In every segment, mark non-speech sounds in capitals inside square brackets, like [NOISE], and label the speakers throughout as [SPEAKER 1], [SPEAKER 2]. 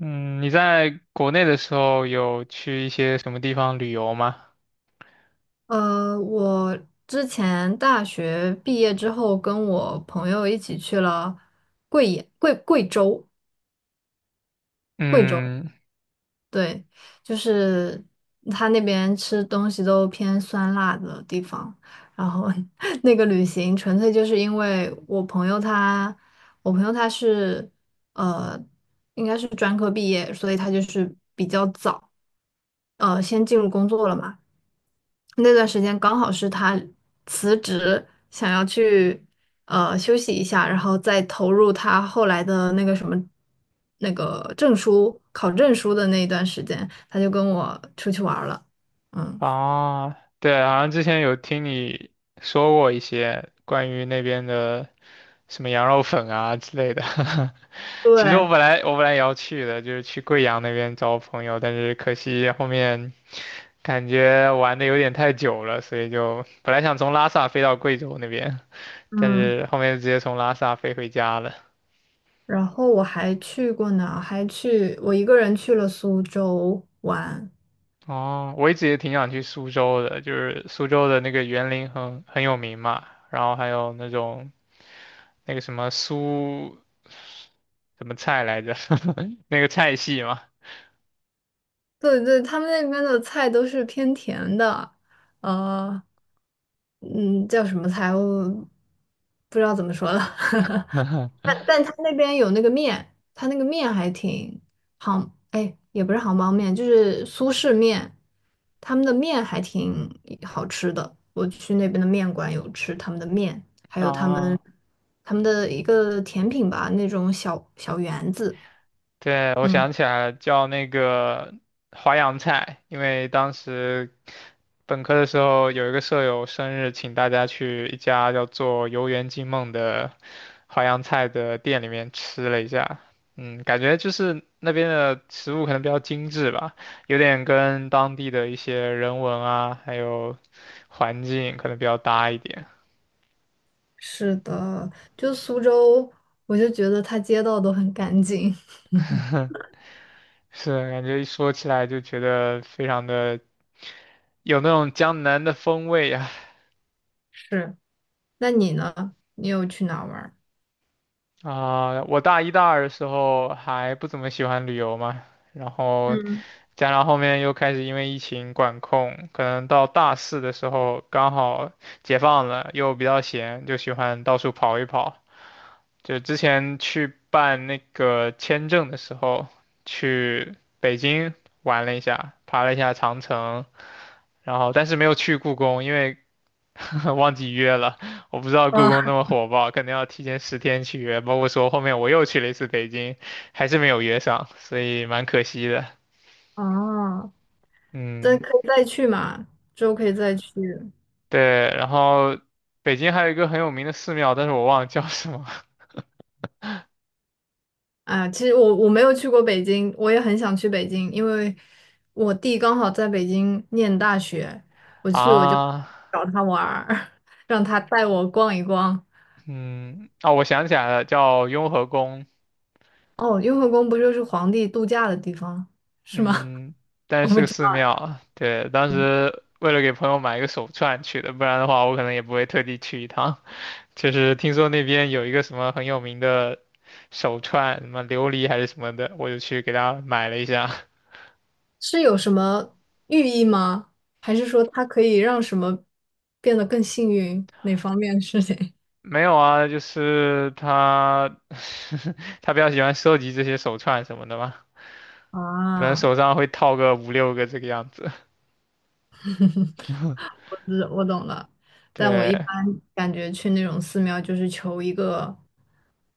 [SPEAKER 1] 嗯，你在国内的时候有去一些什么地方旅游吗？
[SPEAKER 2] 我之前大学毕业之后，跟我朋友一起去了贵野、贵贵州、贵州，
[SPEAKER 1] 嗯，
[SPEAKER 2] 对。就是他那边吃东西都偏酸辣的地方。然后 [LAUGHS] 那个旅行纯粹就是因为我朋友他是呃，应该是专科毕业，所以他就是比较早，先进入工作了嘛。那段时间刚好是他辞职，想要去休息一下，然后再投入他后来的那个什么那个考证书的那一段时间，他就跟我出去玩儿了。嗯。
[SPEAKER 1] 啊，对，好像之前有听你说过一些关于那边的什么羊肉粉啊之类的。[LAUGHS] 其实我
[SPEAKER 2] 对。
[SPEAKER 1] 本来我本来也要去的，就是去贵阳那边找我朋友，但是可惜后面感觉玩的有点太久了，所以就本来想从拉萨飞到贵州那边，但
[SPEAKER 2] 嗯。
[SPEAKER 1] 是后面就直接从拉萨飞回家了。
[SPEAKER 2] 然后我还去过哪还去我一个人去了苏州玩。
[SPEAKER 1] 哦，我一直也挺想去苏州的，就是苏州的那个园林很有名嘛，然后还有那种那个什么苏什么菜来着，[LAUGHS] 那个菜系嘛。
[SPEAKER 2] 对对，他们那边的菜都是偏甜的，呃，嗯，叫什么菜我不知道怎么说了。[LAUGHS] 但
[SPEAKER 1] [LAUGHS]
[SPEAKER 2] 但他那边有那个面，他那个面还挺也不是杭帮面，就是苏式面，他们的面还挺好吃的。我去那边的面馆有吃他们的面，还有
[SPEAKER 1] 啊，
[SPEAKER 2] 他们的一个甜品吧，那种小小圆子。
[SPEAKER 1] 对，我
[SPEAKER 2] 嗯，
[SPEAKER 1] 想起来了，叫那个淮扬菜，因为当时本科的时候有一个舍友生日，请大家去一家叫做"游园惊梦"的淮扬菜的店里面吃了一下。嗯，感觉就是那边的食物可能比较精致吧，有点跟当地的一些人文啊，还有环境可能比较搭一点。
[SPEAKER 2] 是的。就苏州，我就觉得它街道都很干净。[LAUGHS]
[SPEAKER 1] [LAUGHS] 是，感觉一说起来就觉得非常的有那种江南的风味啊。
[SPEAKER 2] 是。那你呢？你有去哪儿玩儿？
[SPEAKER 1] 啊，我大一大二的时候还不怎么喜欢旅游嘛，然后
[SPEAKER 2] 嗯。
[SPEAKER 1] 加上后面又开始因为疫情管控，可能到大四的时候刚好解放了，又比较闲，就喜欢到处跑一跑。就之前去办那个签证的时候，去北京玩了一下，爬了一下长城，然后但是没有去故宫，因为 [LAUGHS] 忘记约了，我不知道故宫那
[SPEAKER 2] 啊。
[SPEAKER 1] 么火爆，可能要提前10天去约。包括说后面我又去了一次北京，还是没有约上，所以蛮可惜的。
[SPEAKER 2] 哦。再
[SPEAKER 1] 嗯，
[SPEAKER 2] 可以再去嘛，之后可以再去。
[SPEAKER 1] 对。然后北京还有一个很有名的寺庙，但是我忘了叫什么
[SPEAKER 2] 啊，其实我没有去过北京，我也很想去北京，因为我弟刚好在北京念大学，
[SPEAKER 1] [LAUGHS]
[SPEAKER 2] 我就
[SPEAKER 1] 啊。
[SPEAKER 2] 找他玩儿，[LAUGHS] 让他带我逛一逛。
[SPEAKER 1] 嗯，哦，我想起来了，叫雍和宫。
[SPEAKER 2] 哦，雍和宫不就是皇帝度假的地方，是吗？
[SPEAKER 1] 嗯，
[SPEAKER 2] [LAUGHS] 我
[SPEAKER 1] 但是
[SPEAKER 2] 不
[SPEAKER 1] 是个
[SPEAKER 2] 知
[SPEAKER 1] 寺庙。对，当时为了给朋友买一个手串去的，不然的话我可能也不会特地去一趟。就是听说那边有一个什么很有名的手串，什么琉璃还是什么的，我就去给他买了一下。[LAUGHS]
[SPEAKER 2] 是有什么寓意吗？还是说它可以让什么变得更幸运？哪方面的事情？
[SPEAKER 1] 没有啊，就是他 [LAUGHS] 他比较喜欢收集这些手串什么的嘛，
[SPEAKER 2] [LAUGHS]
[SPEAKER 1] 可能
[SPEAKER 2] 啊。
[SPEAKER 1] 手上会套个五六个这个样子。
[SPEAKER 2] [LAUGHS] 我懂了。但我一般
[SPEAKER 1] 对，
[SPEAKER 2] 感觉去那种寺庙就是求一个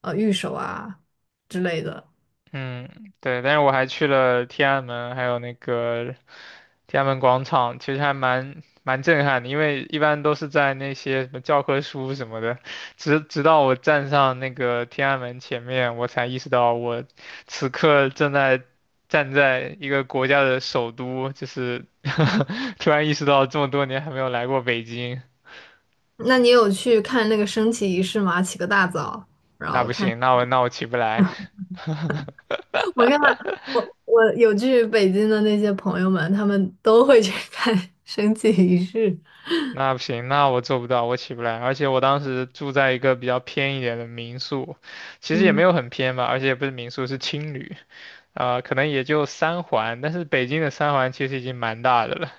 [SPEAKER 2] 御守啊之类的。
[SPEAKER 1] 嗯，对，但是我还去了天安门，还有那个天安门广场，其实还蛮震撼的，因为一般都是在那些什么教科书什么的，直到我站上那个天安门前面，我才意识到我此刻正在站在一个国家的首都，就是 [LAUGHS] 突然意识到这么多年还没有来过北京，
[SPEAKER 2] 那你有去看那个升旗仪式吗？起个大早。
[SPEAKER 1] 那不行，那我起不来。
[SPEAKER 2] [LAUGHS] 我看我我有去北京的那些朋友们，他们都会去看 [LAUGHS] 升旗仪式，
[SPEAKER 1] 那不行，那我做不到，我起不来。而且我当时住在一个比较偏一点的民宿，其实也没
[SPEAKER 2] 嗯，
[SPEAKER 1] 有很偏吧，而且也不是民宿，是青旅，啊、可能也就三环，但是北京的三环其实已经蛮大的了，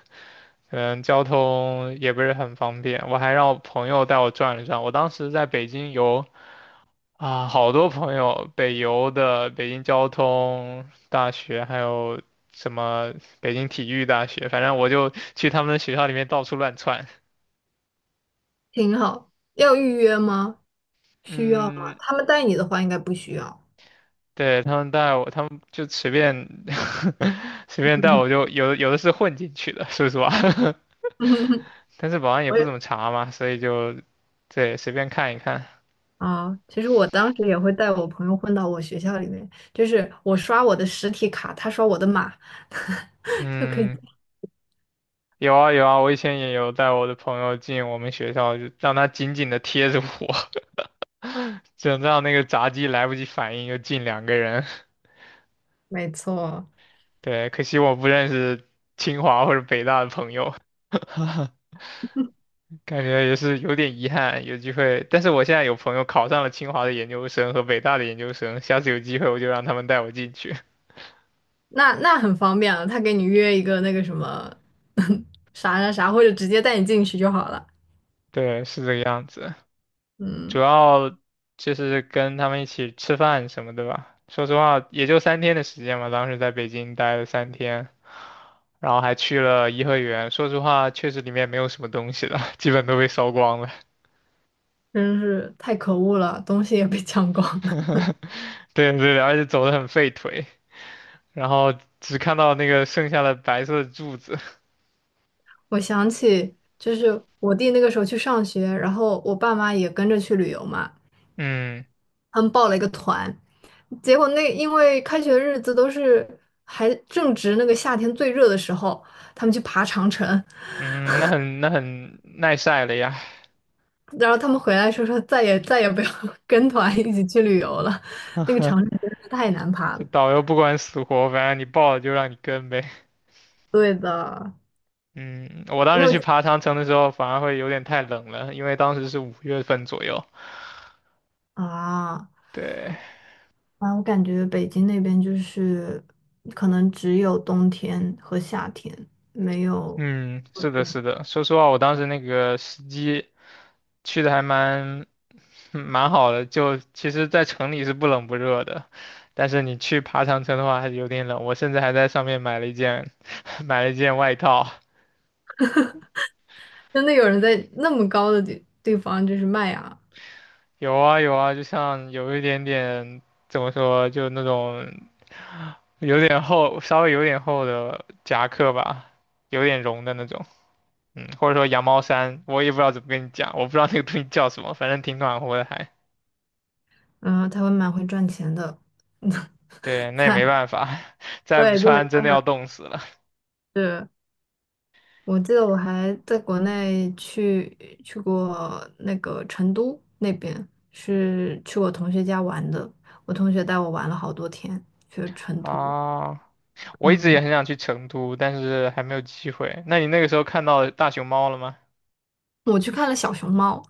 [SPEAKER 1] 嗯，交通也不是很方便。我还让我朋友带我转了转，我当时在北京游啊、好多朋友，北邮的、北京交通大学，还有什么北京体育大学，反正我就去他们的学校里面到处乱窜。
[SPEAKER 2] 挺好。要预约吗？需要吗？
[SPEAKER 1] 嗯，
[SPEAKER 2] 他们带你的话应该不需要。
[SPEAKER 1] 对，他们带我，他们就随便 [LAUGHS] 随便带我就有的是混进去的，说实话，
[SPEAKER 2] [LAUGHS]
[SPEAKER 1] [LAUGHS] 但是保安也
[SPEAKER 2] 我。
[SPEAKER 1] 不怎么查嘛，所以就对随便看一看。
[SPEAKER 2] 啊，其实我当时也会带我朋友混到我学校里面，就是我刷我的实体卡，他刷我的码，[LAUGHS] 就可以。
[SPEAKER 1] 嗯，有啊有啊，我以前也有带我的朋友进我们学校，就让他紧紧的贴着我，[LAUGHS] 就让那个闸机来不及反应就进两个人。
[SPEAKER 2] 没错。
[SPEAKER 1] [LAUGHS] 对，可惜我不认识清华或者北大的朋友。感觉也是有点遗憾，有机会。但是我现在有朋友考上了清华的研究生和北大的研究生，下次有机会我就让他们带我进去。
[SPEAKER 2] 那很方便了，他给你约一个那个什么 [LAUGHS] 啥啥啥，或者直接带你进去就好了。
[SPEAKER 1] [LAUGHS] 对，是这个样子。主
[SPEAKER 2] 嗯。
[SPEAKER 1] 要就是跟他们一起吃饭什么的吧。说实话，也就3天的时间嘛，当时在北京待了三天，然后还去了颐和园。说实话，确实里面没有什么东西了，基本都被烧光了。
[SPEAKER 2] 真是太可恶了，东西也被抢光了。
[SPEAKER 1] [LAUGHS] 对对对，而且走得很费腿，然后只看到那个剩下的白色的柱子。
[SPEAKER 2] 我想起就是我弟那个时候去上学，然后我爸妈也跟着去旅游嘛。
[SPEAKER 1] 嗯。
[SPEAKER 2] 他们报了一个团，结果那因为开学日子还正值那个夏天最热的时候，他们去爬长城，
[SPEAKER 1] 嗯，那很耐晒了呀，
[SPEAKER 2] 然后他们回来说说再也再也不要 [LAUGHS] 跟团一起去旅游了，那个长城
[SPEAKER 1] [LAUGHS]
[SPEAKER 2] 真的是太难爬
[SPEAKER 1] 这
[SPEAKER 2] 了。
[SPEAKER 1] 导游不管死活，反正你报了就让你跟呗。
[SPEAKER 2] 对的。
[SPEAKER 1] 嗯，我当
[SPEAKER 2] 你
[SPEAKER 1] 时
[SPEAKER 2] 有
[SPEAKER 1] 去爬长城的时候，反而会有点太冷了，因为当时是5月份左右。
[SPEAKER 2] 啊
[SPEAKER 1] 对，
[SPEAKER 2] 啊。我感觉北京那边就是可能只有冬天和夏天，没有。
[SPEAKER 1] 嗯，是的，是的。说实话，我当时那个时机去的还蛮 [LAUGHS] 蛮好的，就其实在城里是不冷不热的，但是你去爬长城的话还是有点冷。我甚至还在上面买了一件 [LAUGHS] 买了一件外套。
[SPEAKER 2] 真的有人在那么高的地方就是卖啊。
[SPEAKER 1] 有啊有啊，就像有一点点怎么说，就那种有点厚，稍微有点厚的夹克吧，有点绒的那种，嗯，或者说羊毛衫，我也不知道怎么跟你讲，我不知道那个东西叫什么，反正挺暖和的还。
[SPEAKER 2] 然后台湾蛮会赚钱的，[LAUGHS]
[SPEAKER 1] 对，那也
[SPEAKER 2] 在
[SPEAKER 1] 没办法，[LAUGHS] 再不
[SPEAKER 2] 对，就没
[SPEAKER 1] 穿真
[SPEAKER 2] 办
[SPEAKER 1] 的
[SPEAKER 2] 法。
[SPEAKER 1] 要冻死了
[SPEAKER 2] 是。我记得我还在国内去过那个成都那边，是去我同学家玩的，我同学带我玩了好多天，去成都。
[SPEAKER 1] 啊！我一直
[SPEAKER 2] 嗯，
[SPEAKER 1] 也很想去成都，但是还没有机会。那你那个时候看到大熊猫了吗？
[SPEAKER 2] 我去看了小熊猫，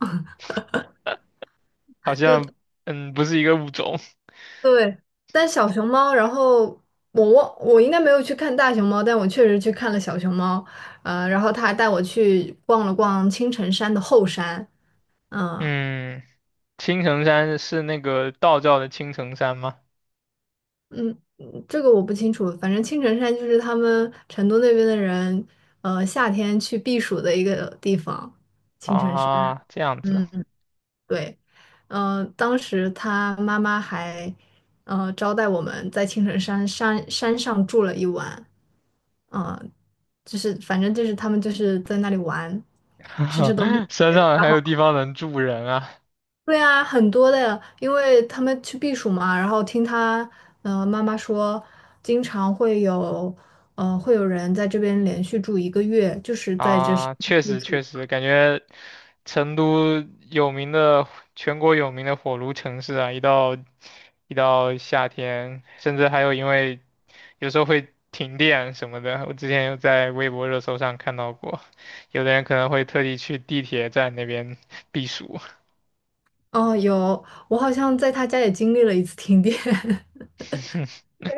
[SPEAKER 1] 好
[SPEAKER 2] [LAUGHS] 对
[SPEAKER 1] 像，嗯，不是一个物种。
[SPEAKER 2] 对。但小熊猫，然后我应该没有去看大熊猫，但我确实去看了小熊猫，然后他还带我去逛了逛青城山的后山。嗯。
[SPEAKER 1] 嗯，青城山是那个道教的青城山吗？
[SPEAKER 2] 嗯，这个我不清楚。反正青城山就是他们成都那边的人，夏天去避暑的一个地方。
[SPEAKER 1] 啊，这样子，
[SPEAKER 2] 嗯嗯。对，当时他妈妈还，招待我们在青城山山上住了一晚，呃，就是反正就是他们就是在那里玩。
[SPEAKER 1] [LAUGHS] 山上还有地方能住人啊！
[SPEAKER 2] 对啊，很多的，因为他们去避暑嘛。然后听他，妈妈说，经常会有，会有人在这边连续住一个月，就是在这是。
[SPEAKER 1] 啊，确实确实，感觉成都有名的，全国有名的火炉城市啊，一到夏天，甚至还有因为有时候会停电什么的，我之前有在微博热搜上看到过，有的人可能会特地去地铁站那边避暑。
[SPEAKER 2] 哦，有。我好像在他家也经历了一次停电，[LAUGHS]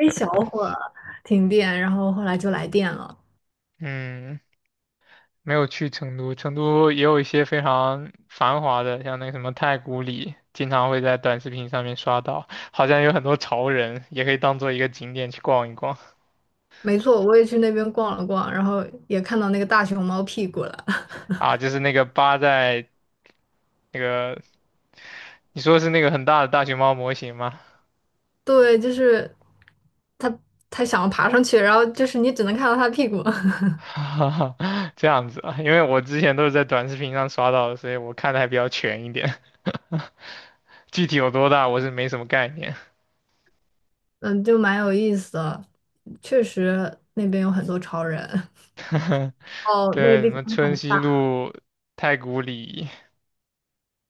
[SPEAKER 2] 一小 会儿停电，然后后来就来电了。
[SPEAKER 1] 嗯，没有去成都，成都也有一些非常繁华的，像那个什么太古里，经常会在短视频上面刷到，好像有很多潮人，也可以当做一个景点去逛一逛
[SPEAKER 2] 没错，我也去那边逛了逛，然后也看到那个大熊猫屁股了。[LAUGHS]
[SPEAKER 1] 啊。就是那个扒在那个，你说是那个很大的大熊猫模型吗？
[SPEAKER 2] 对，就是他，他想要爬上去，然后就是你只能看到他屁股。[LAUGHS]
[SPEAKER 1] [LAUGHS] 这样子啊，因为我之前都是在短视频上刷到的，所以我看的还比较全一点，[LAUGHS] 具体有多大我是没什么概念。
[SPEAKER 2] 嗯，就蛮有意思的。确实，那边有很多潮人。[LAUGHS]
[SPEAKER 1] [LAUGHS]
[SPEAKER 2] 哦，那个
[SPEAKER 1] 对，什
[SPEAKER 2] 地
[SPEAKER 1] 么
[SPEAKER 2] 方
[SPEAKER 1] 春
[SPEAKER 2] 很
[SPEAKER 1] 熙
[SPEAKER 2] 大。
[SPEAKER 1] 路、太古里。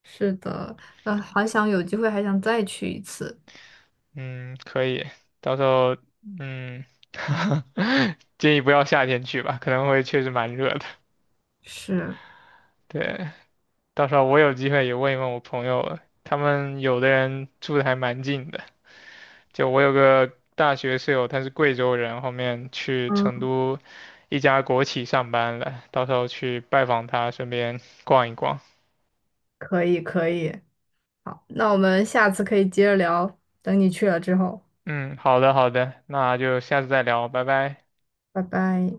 [SPEAKER 2] 是的。好想有机会还想再去一次。
[SPEAKER 1] 嗯，可以，到时候嗯，[LAUGHS] 建议不要夏天去吧，可能会确实蛮热的。
[SPEAKER 2] 是。
[SPEAKER 1] 对，到时候我有机会也问一问我朋友，他们有的人住的还蛮近的。就我有个大学室友，他是贵州人，后面去成
[SPEAKER 2] 嗯，
[SPEAKER 1] 都一家国企上班了，到时候去拜访他，顺便逛一逛。
[SPEAKER 2] 可以，可以。好，那我们下次可以接着聊，等你去了之后，
[SPEAKER 1] 嗯，好的好的，那就下次再聊，拜拜。
[SPEAKER 2] 拜拜。